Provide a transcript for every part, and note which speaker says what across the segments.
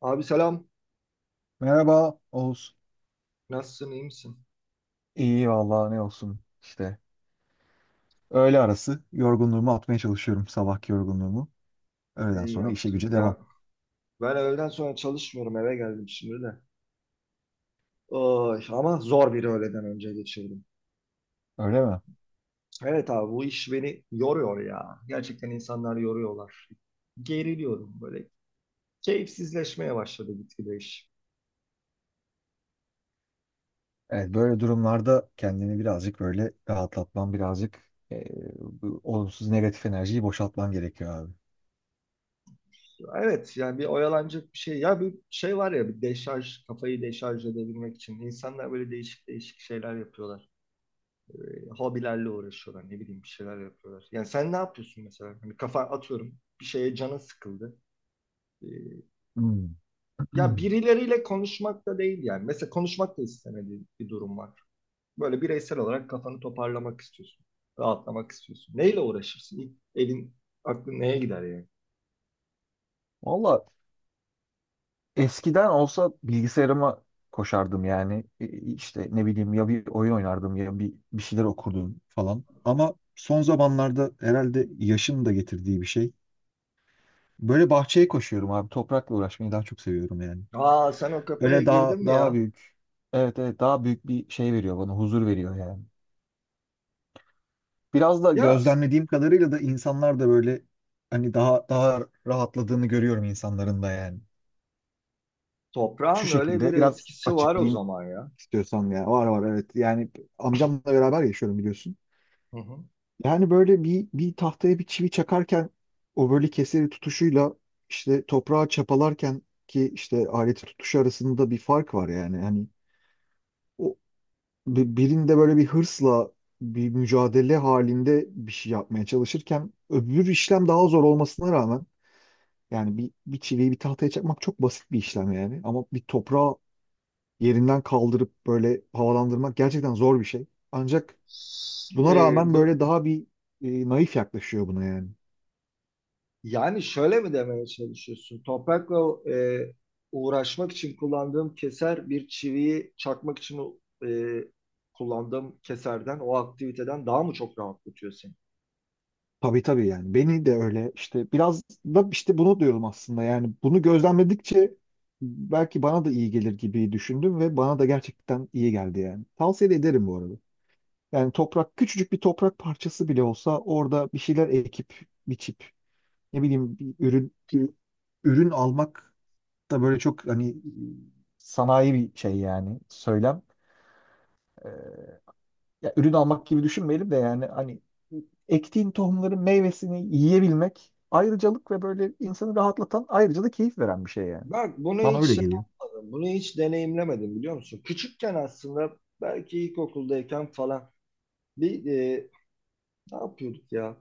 Speaker 1: Abi selam.
Speaker 2: Merhaba Oğuz.
Speaker 1: Nasılsın, iyi misin?
Speaker 2: İyi valla ne olsun işte. Öğle arası yorgunluğumu atmaya çalışıyorum. Sabahki yorgunluğumu. Öğleden
Speaker 1: İyi
Speaker 2: sonra işe
Speaker 1: yaptın.
Speaker 2: güce devam.
Speaker 1: Ya ben öğleden sonra çalışmıyorum, eve geldim şimdi de. Oy, ama zor bir öğleden önce geçirdim.
Speaker 2: Öyle mi?
Speaker 1: Evet abi, bu iş beni yoruyor ya. Gerçekten insanlar yoruyorlar. Geriliyorum böyle. Keyifsizleşmeye başladı gitgide iş.
Speaker 2: Evet, böyle durumlarda kendini birazcık böyle rahatlatman, birazcık e, bu olumsuz negatif enerjiyi boşaltman gerekiyor abi.
Speaker 1: Evet, yani bir oyalanacak bir şey. Ya bir şey var ya bir deşarj, kafayı deşarj edebilmek için. İnsanlar böyle değişik değişik şeyler yapıyorlar. Hobilerle uğraşıyorlar. Ne bileyim bir şeyler yapıyorlar. Yani sen ne yapıyorsun mesela? Hani kafa atıyorum bir şeye, canın sıkıldı. E,
Speaker 2: Hmm.
Speaker 1: ya birileriyle konuşmak da değil yani. Mesela konuşmak da istemediğin bir durum var. Böyle bireysel olarak kafanı toparlamak istiyorsun. Rahatlamak istiyorsun. Neyle uğraşırsın? İlk elin aklın neye gider yani?
Speaker 2: Valla, eskiden olsa bilgisayarıma koşardım yani. İşte ne bileyim, ya bir oyun oynardım ya bir şeyler okurdum falan. Ama son zamanlarda herhalde yaşın da getirdiği bir şey. Böyle bahçeye koşuyorum abi. Toprakla uğraşmayı daha çok seviyorum yani.
Speaker 1: Aa, sen o kafaya
Speaker 2: Böyle daha
Speaker 1: girdin mi ya?
Speaker 2: daha büyük. Evet evet, daha büyük bir şey veriyor bana. Huzur veriyor yani. Biraz da
Speaker 1: Ya,
Speaker 2: gözlemlediğim kadarıyla da insanlar da böyle hani daha rahatladığını görüyorum insanların da yani. Şu
Speaker 1: toprağın öyle bir
Speaker 2: şekilde biraz
Speaker 1: etkisi var o
Speaker 2: açıklayayım
Speaker 1: zaman ya.
Speaker 2: istiyorsan ya. Var var, evet. Yani amcamla beraber yaşıyorum biliyorsun.
Speaker 1: Hı hı.
Speaker 2: Yani böyle bir tahtaya bir çivi çakarken o böyle keseri tutuşuyla işte toprağa çapalarken ki işte aleti tutuşu arasında bir fark var yani. Yani o birinde böyle bir hırsla bir mücadele halinde bir şey yapmaya çalışırken, öbür işlem daha zor olmasına rağmen, yani bir çiviyi bir tahtaya çakmak çok basit bir işlem yani, ama bir toprağı yerinden kaldırıp böyle havalandırmak gerçekten zor bir şey. Ancak buna
Speaker 1: E,
Speaker 2: rağmen
Speaker 1: d-
Speaker 2: böyle daha bir naif yaklaşıyor buna yani.
Speaker 1: Yani şöyle mi demeye çalışıyorsun? Toprakla uğraşmak için kullandığım keser bir çiviyi çakmak için kullandığım keserden, o aktiviteden daha mı çok rahatlatıyor seni?
Speaker 2: Tabii tabii, yani beni de öyle işte, biraz da işte bunu diyorum aslında, yani bunu gözlemledikçe belki bana da iyi gelir gibi düşündüm ve bana da gerçekten iyi geldi yani. Tavsiye de ederim bu arada. Yani toprak, küçücük bir toprak parçası bile olsa orada bir şeyler ekip biçip, ne bileyim, bir ürün almak da böyle çok hani sanayi bir şey yani söylem. Ya ürün almak gibi düşünmeyelim de, yani hani ektiğin tohumların meyvesini yiyebilmek ayrıcalık ve böyle insanı rahatlatan, ayrıca da keyif veren bir şey yani.
Speaker 1: Bak, bunu
Speaker 2: Bana
Speaker 1: hiç
Speaker 2: öyle
Speaker 1: şey
Speaker 2: geliyor.
Speaker 1: yapmadım, bunu hiç deneyimlemedim biliyor musun? Küçükken aslında belki ilkokuldayken falan bir e, ne yapıyorduk ya?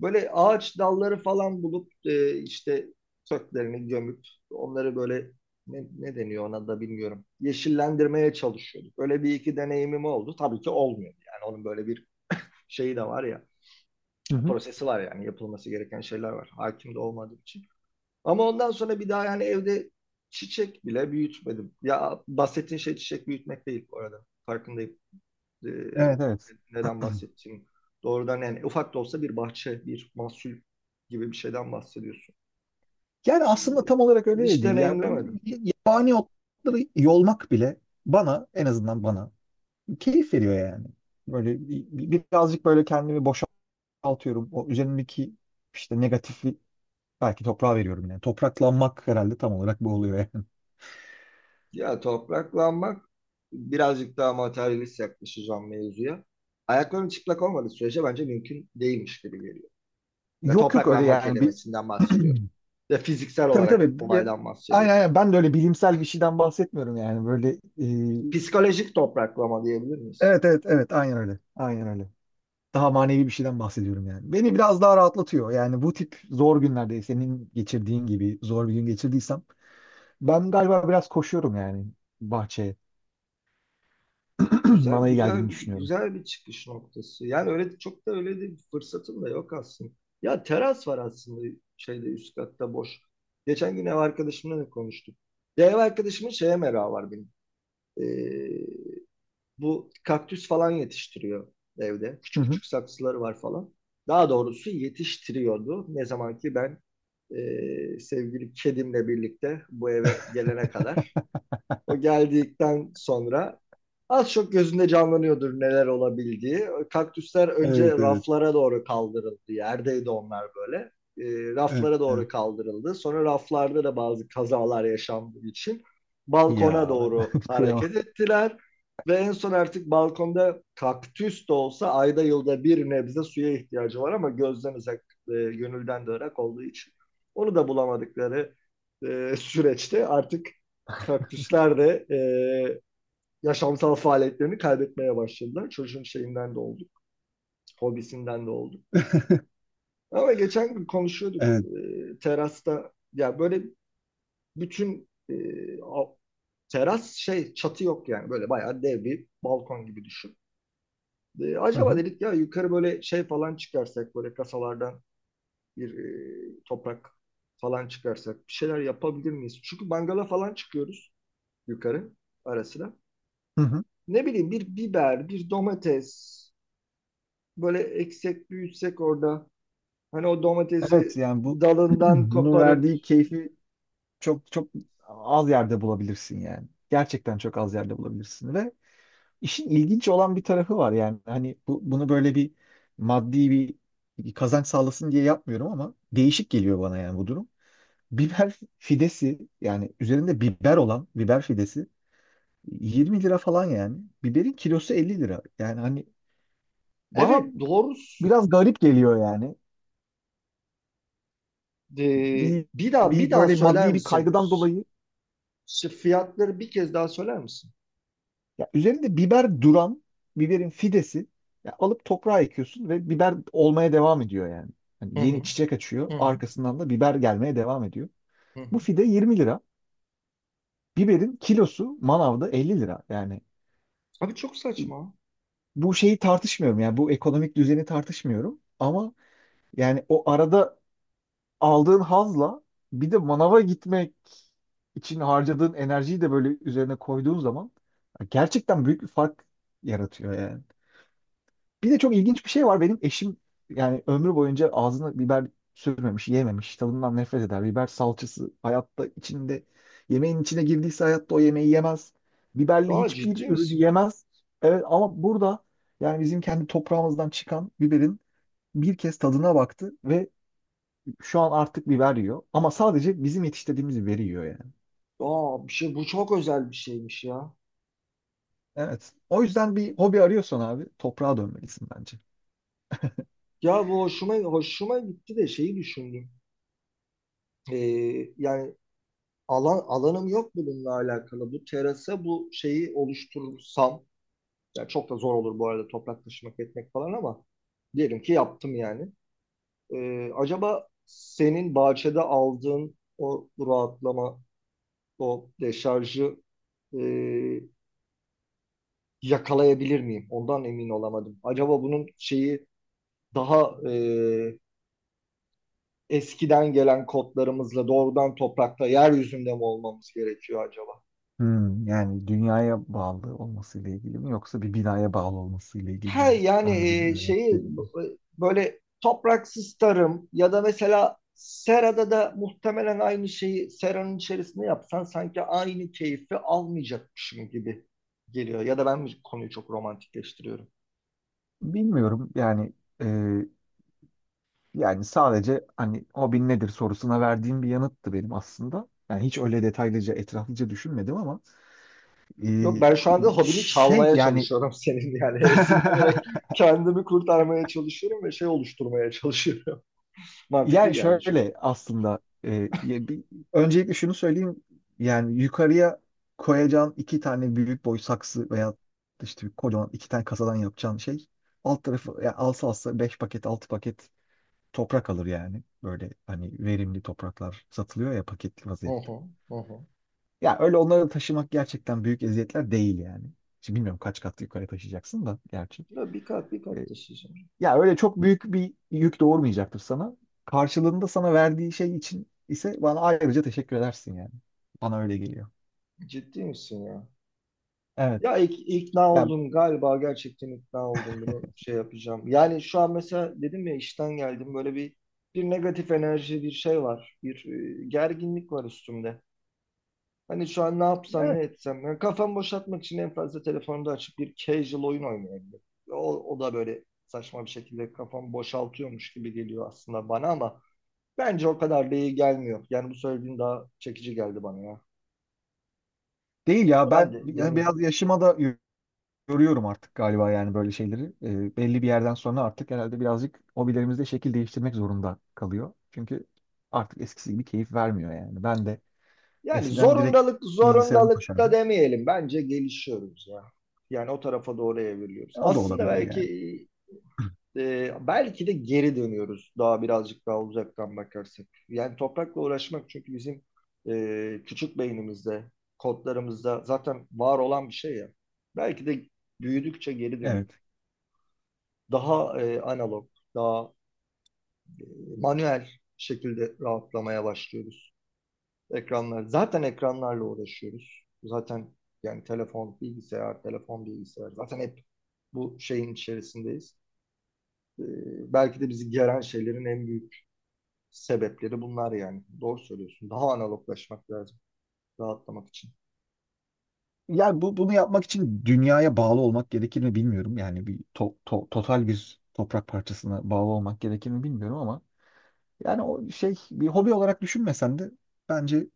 Speaker 1: Böyle ağaç dalları falan bulup işte köklerini gömüp onları böyle ne deniyor ona da bilmiyorum. Yeşillendirmeye çalışıyorduk. Öyle bir iki deneyimim oldu. Tabii ki olmuyor. Yani onun böyle bir şeyi de var ya.
Speaker 2: Hı hı.
Speaker 1: Prosesi var, yani yapılması gereken şeyler var. Hakim de olmadığım için. Ama ondan sonra bir daha yani evde çiçek bile büyütmedim. Ya, bahsettiğin şey çiçek büyütmek değil bu arada. Farkındayım e,
Speaker 2: Evet evet.
Speaker 1: neden bahsettiğim, doğrudan yani ufak da olsa bir bahçe, bir mahsul gibi bir şeyden bahsediyorsun.
Speaker 2: Yani aslında tam olarak
Speaker 1: E,
Speaker 2: öyle de
Speaker 1: hiç
Speaker 2: değil ya. Böyle
Speaker 1: deneyimlemedim.
Speaker 2: yabani otları yolmak bile bana, en azından bana keyif veriyor yani. Böyle birazcık böyle kendimi boşaltıyorum. O üzerimdeki işte negatifi belki toprağa veriyorum yani. Topraklanmak herhalde tam olarak bu oluyor yani.
Speaker 1: Ya topraklanmak, birazcık daha materyalist yaklaşacağım mevzuya. Ayakların çıplak olmadığı sürece bence mümkün değilmiş gibi geliyor. Ve
Speaker 2: Yok yok, öyle
Speaker 1: topraklanma
Speaker 2: yani.
Speaker 1: kelimesinden bahsediyorum. Ve fiziksel
Speaker 2: Tabii
Speaker 1: olarak
Speaker 2: tabii.
Speaker 1: olaydan
Speaker 2: Aynen
Speaker 1: bahsediyorum.
Speaker 2: aynen. Ben de öyle bilimsel bir şeyden bahsetmiyorum yani. Böyle e,
Speaker 1: Psikolojik topraklama diyebilir miyiz?
Speaker 2: evet evet evet, aynen öyle. Aynen öyle. Daha manevi bir şeyden bahsediyorum yani. Beni biraz daha rahatlatıyor. Yani bu tip zor günlerde, senin geçirdiğin gibi zor bir gün geçirdiysem ben galiba biraz koşuyorum yani bahçeye.
Speaker 1: Güzel
Speaker 2: Bana iyi
Speaker 1: güzel
Speaker 2: geldiğini
Speaker 1: bir
Speaker 2: düşünüyorum.
Speaker 1: çıkış noktası. Yani öyle çok da öyle de bir fırsatım da yok aslında. Ya teras var aslında, şeyde üst katta boş. Geçen gün ev arkadaşımla da konuştuk. Ya, ev arkadaşımın şeye merakı var benim. Ee, bu kaktüs falan yetiştiriyor evde.
Speaker 2: Hı
Speaker 1: Küçük
Speaker 2: hı.
Speaker 1: küçük saksıları var falan. Daha doğrusu yetiştiriyordu. Ne zaman ki ben sevgili kedimle birlikte bu eve gelene kadar. O geldikten sonra az çok gözünde canlanıyordur neler olabildiği. Kaktüsler
Speaker 2: Evet
Speaker 1: önce
Speaker 2: evet.
Speaker 1: raflara doğru kaldırıldı. Yerdeydi onlar böyle. Ee,
Speaker 2: Evet.
Speaker 1: raflara doğru
Speaker 2: Evet.
Speaker 1: kaldırıldı. Sonra raflarda da bazı kazalar yaşandığı için balkona
Speaker 2: Ya,
Speaker 1: doğru
Speaker 2: ben kıyamam.
Speaker 1: hareket ettiler. Ve en son artık balkonda kaktüs de olsa ayda yılda bir nebze suya ihtiyacı var, ama gözden uzak, gönülden de ırak olduğu için onu da bulamadıkları süreçte artık kaktüsler de yaşamsal faaliyetlerini kaybetmeye başladılar. Çocuğun şeyinden de oldu, hobisinden de oldu. Ama geçen gün konuşuyorduk
Speaker 2: Evet.
Speaker 1: terasta. Ya böyle bütün a- teras şey, çatı yok, yani böyle bayağı dev bir balkon gibi düşün. E,
Speaker 2: Hı
Speaker 1: acaba
Speaker 2: hı.
Speaker 1: dedik, ya yukarı böyle şey falan çıkarsak, böyle kasalardan bir toprak falan çıkarsak bir şeyler yapabilir miyiz? Çünkü mangala falan çıkıyoruz yukarı arasına.
Speaker 2: Hı hı.
Speaker 1: Ne bileyim, bir biber, bir domates böyle eksek büyütsek orada. Hani o
Speaker 2: Evet
Speaker 1: domatesi
Speaker 2: yani bu,
Speaker 1: dalından
Speaker 2: bunun
Speaker 1: koparıp.
Speaker 2: verdiği keyfi çok çok az yerde bulabilirsin yani. Gerçekten çok az yerde bulabilirsin. Ve işin ilginç olan bir tarafı var yani. Hani bunu böyle bir maddi bir kazanç sağlasın diye yapmıyorum ama değişik geliyor bana yani bu durum. Biber fidesi, yani üzerinde biber olan biber fidesi 20 lira falan yani. Biberin kilosu 50 lira. Yani hani bana
Speaker 1: Evet, doğrusu.
Speaker 2: biraz garip geliyor yani.
Speaker 1: Ee,
Speaker 2: Bir,
Speaker 1: bir daha bir
Speaker 2: bir
Speaker 1: daha
Speaker 2: böyle
Speaker 1: söyler
Speaker 2: maddi bir
Speaker 1: misin?
Speaker 2: kaygıdan dolayı.
Speaker 1: Şu fiyatları bir kez daha söyler misin?
Speaker 2: Ya üzerinde biber duran biberin fidesi, ya alıp toprağa ekiyorsun ve biber olmaya devam ediyor yani. Hani
Speaker 1: Hı hı,
Speaker 2: yeni çiçek açıyor,
Speaker 1: hı hı,
Speaker 2: arkasından da biber gelmeye devam ediyor.
Speaker 1: hı
Speaker 2: Bu
Speaker 1: hı.
Speaker 2: fide 20 lira. Biberin kilosu manavda 50 lira. Yani
Speaker 1: Abi, çok saçma.
Speaker 2: bu şeyi tartışmıyorum, yani bu ekonomik düzeni tartışmıyorum ama yani o arada aldığın hazla, bir de manava gitmek için harcadığın enerjiyi de böyle üzerine koyduğun zaman gerçekten büyük bir fark yaratıyor yani. Bir de çok ilginç bir şey var. Benim eşim yani ömrü boyunca ağzına biber sürmemiş, yememiş. Tadından nefret eder. Biber salçası hayatta içinde, yemeğin içine girdiyse hayatta o yemeği yemez. Biberli
Speaker 1: Daha ciddi
Speaker 2: hiçbir ürünü
Speaker 1: misin?
Speaker 2: yemez. Evet ama burada, yani bizim kendi toprağımızdan çıkan biberin bir kez tadına baktı ve şu an artık biber yiyor. Ama sadece bizim yetiştirdiğimiz biberi yiyor yani.
Speaker 1: Aa, bir şey, bu çok özel bir şeymiş ya.
Speaker 2: Evet. O yüzden bir hobi arıyorsan abi, toprağa dönmelisin bence.
Speaker 1: Ya, bu hoşuma gitti de şeyi düşündüm. Ee, yani alanım yok bununla alakalı. Bu terasa bu şeyi oluşturursam, yani çok da zor olur bu arada toprak taşımak etmek falan, ama diyelim ki yaptım yani. Acaba senin bahçede aldığın o rahatlama, o deşarjı e, yakalayabilir miyim? Ondan emin olamadım. Acaba bunun şeyi daha eskiden gelen kodlarımızla doğrudan toprakta, yeryüzünde mi olmamız gerekiyor acaba?
Speaker 2: Hmm, yani dünyaya bağlı olmasıyla ilgili mi, yoksa bir binaya bağlı olmasıyla ilgili
Speaker 1: He
Speaker 2: mi?
Speaker 1: yani,
Speaker 2: Anladım ne demek
Speaker 1: şeyi
Speaker 2: istediğini.
Speaker 1: böyle topraksız tarım, ya da mesela serada da muhtemelen aynı şeyi seranın içerisinde yapsan sanki aynı keyfi almayacakmışım gibi geliyor. Ya da ben mi konuyu çok romantikleştiriyorum?
Speaker 2: Bilmiyorum yani. e, Yani sadece hani hobin nedir sorusuna verdiğim bir yanıttı benim aslında. Yani hiç öyle detaylıca, etraflıca düşünmedim ama e,
Speaker 1: Yok, ben şu anda hobini
Speaker 2: şey
Speaker 1: çalmaya
Speaker 2: yani.
Speaker 1: çalışıyorum senin yani esinlenerek kendimi kurtarmaya çalışıyorum ve şey oluşturmaya çalışıyorum. Mantıklı
Speaker 2: Yani
Speaker 1: geldi
Speaker 2: şöyle
Speaker 1: çünkü.
Speaker 2: aslında, ya öncelikle şunu söyleyeyim, yani yukarıya koyacağın iki tane büyük boy saksı veya işte bir kocaman iki tane kasadan yapacağın şey, alt tarafı yani alsa alsa beş paket altı paket toprak alır yani. Böyle hani verimli topraklar satılıyor ya paketli
Speaker 1: Hı
Speaker 2: vaziyette.
Speaker 1: hı, hı hı.
Speaker 2: Ya öyle onları taşımak gerçekten büyük eziyetler değil yani. Şimdi bilmiyorum kaç kat yukarı taşıyacaksın da gerçi.
Speaker 1: Ya bir kat bir
Speaker 2: E,
Speaker 1: kat taşıyacağım.
Speaker 2: Ya öyle çok büyük bir yük doğurmayacaktır sana. Karşılığında sana verdiği şey için ise bana ayrıca teşekkür edersin yani. Bana öyle geliyor.
Speaker 1: Ciddi misin ya?
Speaker 2: Evet.
Speaker 1: Ya ikna
Speaker 2: Yani
Speaker 1: oldum galiba, gerçekten ikna oldum, bunu şey yapacağım. Yani şu an mesela dedim ya, işten geldim, böyle bir negatif enerji bir şey var. Bir gerginlik var üstümde. Hani şu an ne yapsam ne
Speaker 2: evet,
Speaker 1: etsem. Yani kafamı boşaltmak için en fazla telefonda açıp bir casual oyun oynayabilirim. O da böyle saçma bir şekilde kafamı boşaltıyormuş gibi geliyor aslında bana, ama bence o kadar da iyi gelmiyor. Yani bu söylediğin daha çekici geldi bana ya.
Speaker 2: değil ya.
Speaker 1: Bunu ben
Speaker 2: Ben
Speaker 1: de
Speaker 2: yani
Speaker 1: deneyim.
Speaker 2: biraz yaşıma da yoruyorum artık galiba yani böyle şeyleri. Belli bir yerden sonra artık herhalde birazcık hobilerimizde şekil değiştirmek zorunda kalıyor. Çünkü artık eskisi gibi keyif vermiyor yani. Ben de
Speaker 1: Yani
Speaker 2: eskiden direkt
Speaker 1: zorundalık,
Speaker 2: bilgisayarıma
Speaker 1: zorundalıkta
Speaker 2: koşardım.
Speaker 1: demeyelim. Bence gelişiyoruz ya. Yani o tarafa doğru evriliyoruz.
Speaker 2: O da
Speaker 1: Aslında
Speaker 2: olabilir yani.
Speaker 1: belki de geri dönüyoruz, daha birazcık daha uzaktan bakarsak. Yani toprakla uğraşmak çünkü bizim küçük beynimizde, kodlarımızda zaten var olan bir şey ya. Belki de büyüdükçe geri dönüyor.
Speaker 2: Evet.
Speaker 1: Daha analog, daha manuel şekilde rahatlamaya başlıyoruz. Ekranlar. Zaten ekranlarla uğraşıyoruz. Zaten yani telefon, bilgisayar, telefon, bilgisayar. Zaten hep bu şeyin içerisindeyiz. Belki de bizi geren şeylerin en büyük sebepleri bunlar yani. Doğru söylüyorsun. Daha analoglaşmak lazım rahatlamak için.
Speaker 2: Yani bunu yapmak için dünyaya bağlı olmak gerekir mi bilmiyorum. Yani bir total bir toprak parçasına bağlı olmak gerekir mi bilmiyorum, ama yani o şey, bir hobi olarak düşünmesen de bence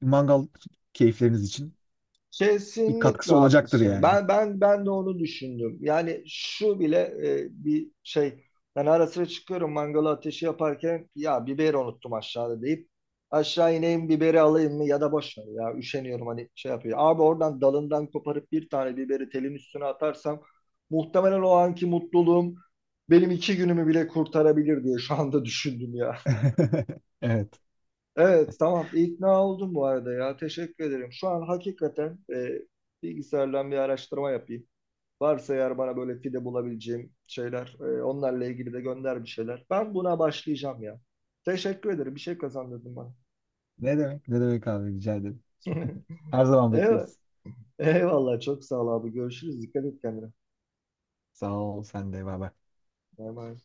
Speaker 2: mangal keyifleriniz için bir
Speaker 1: Kesinlikle
Speaker 2: katkısı olacaktır
Speaker 1: haklısın.
Speaker 2: yani.
Speaker 1: Ben de onu düşündüm. Yani şu bile bir şey. Ben ara sıra çıkıyorum mangalı ateşi yaparken, ya biberi unuttum aşağıda deyip aşağı ineyim biberi alayım mı, ya da boş ver ya üşeniyorum, hani şey yapıyor. Abi oradan dalından koparıp bir tane biberi telin üstüne atarsam muhtemelen o anki mutluluğum benim iki günümü bile kurtarabilir diye şu anda düşündüm ya.
Speaker 2: Evet.
Speaker 1: Evet tamam, ikna oldum bu arada, ya teşekkür ederim. Şu an hakikaten bilgisayardan bir araştırma yapayım. Varsa eğer bana böyle fide bulabileceğim şeyler, onlarla ilgili de gönder bir şeyler. Ben buna başlayacağım ya. Teşekkür ederim, bir şey kazandırdın bana.
Speaker 2: Ne demek? Ne demek abi, rica ederim. Her zaman
Speaker 1: Evet.
Speaker 2: bekleriz.
Speaker 1: Eyvallah, çok sağ ol abi, görüşürüz, dikkat et kendine.
Speaker 2: Sağ ol, sen de bay bay.
Speaker 1: Bay bay.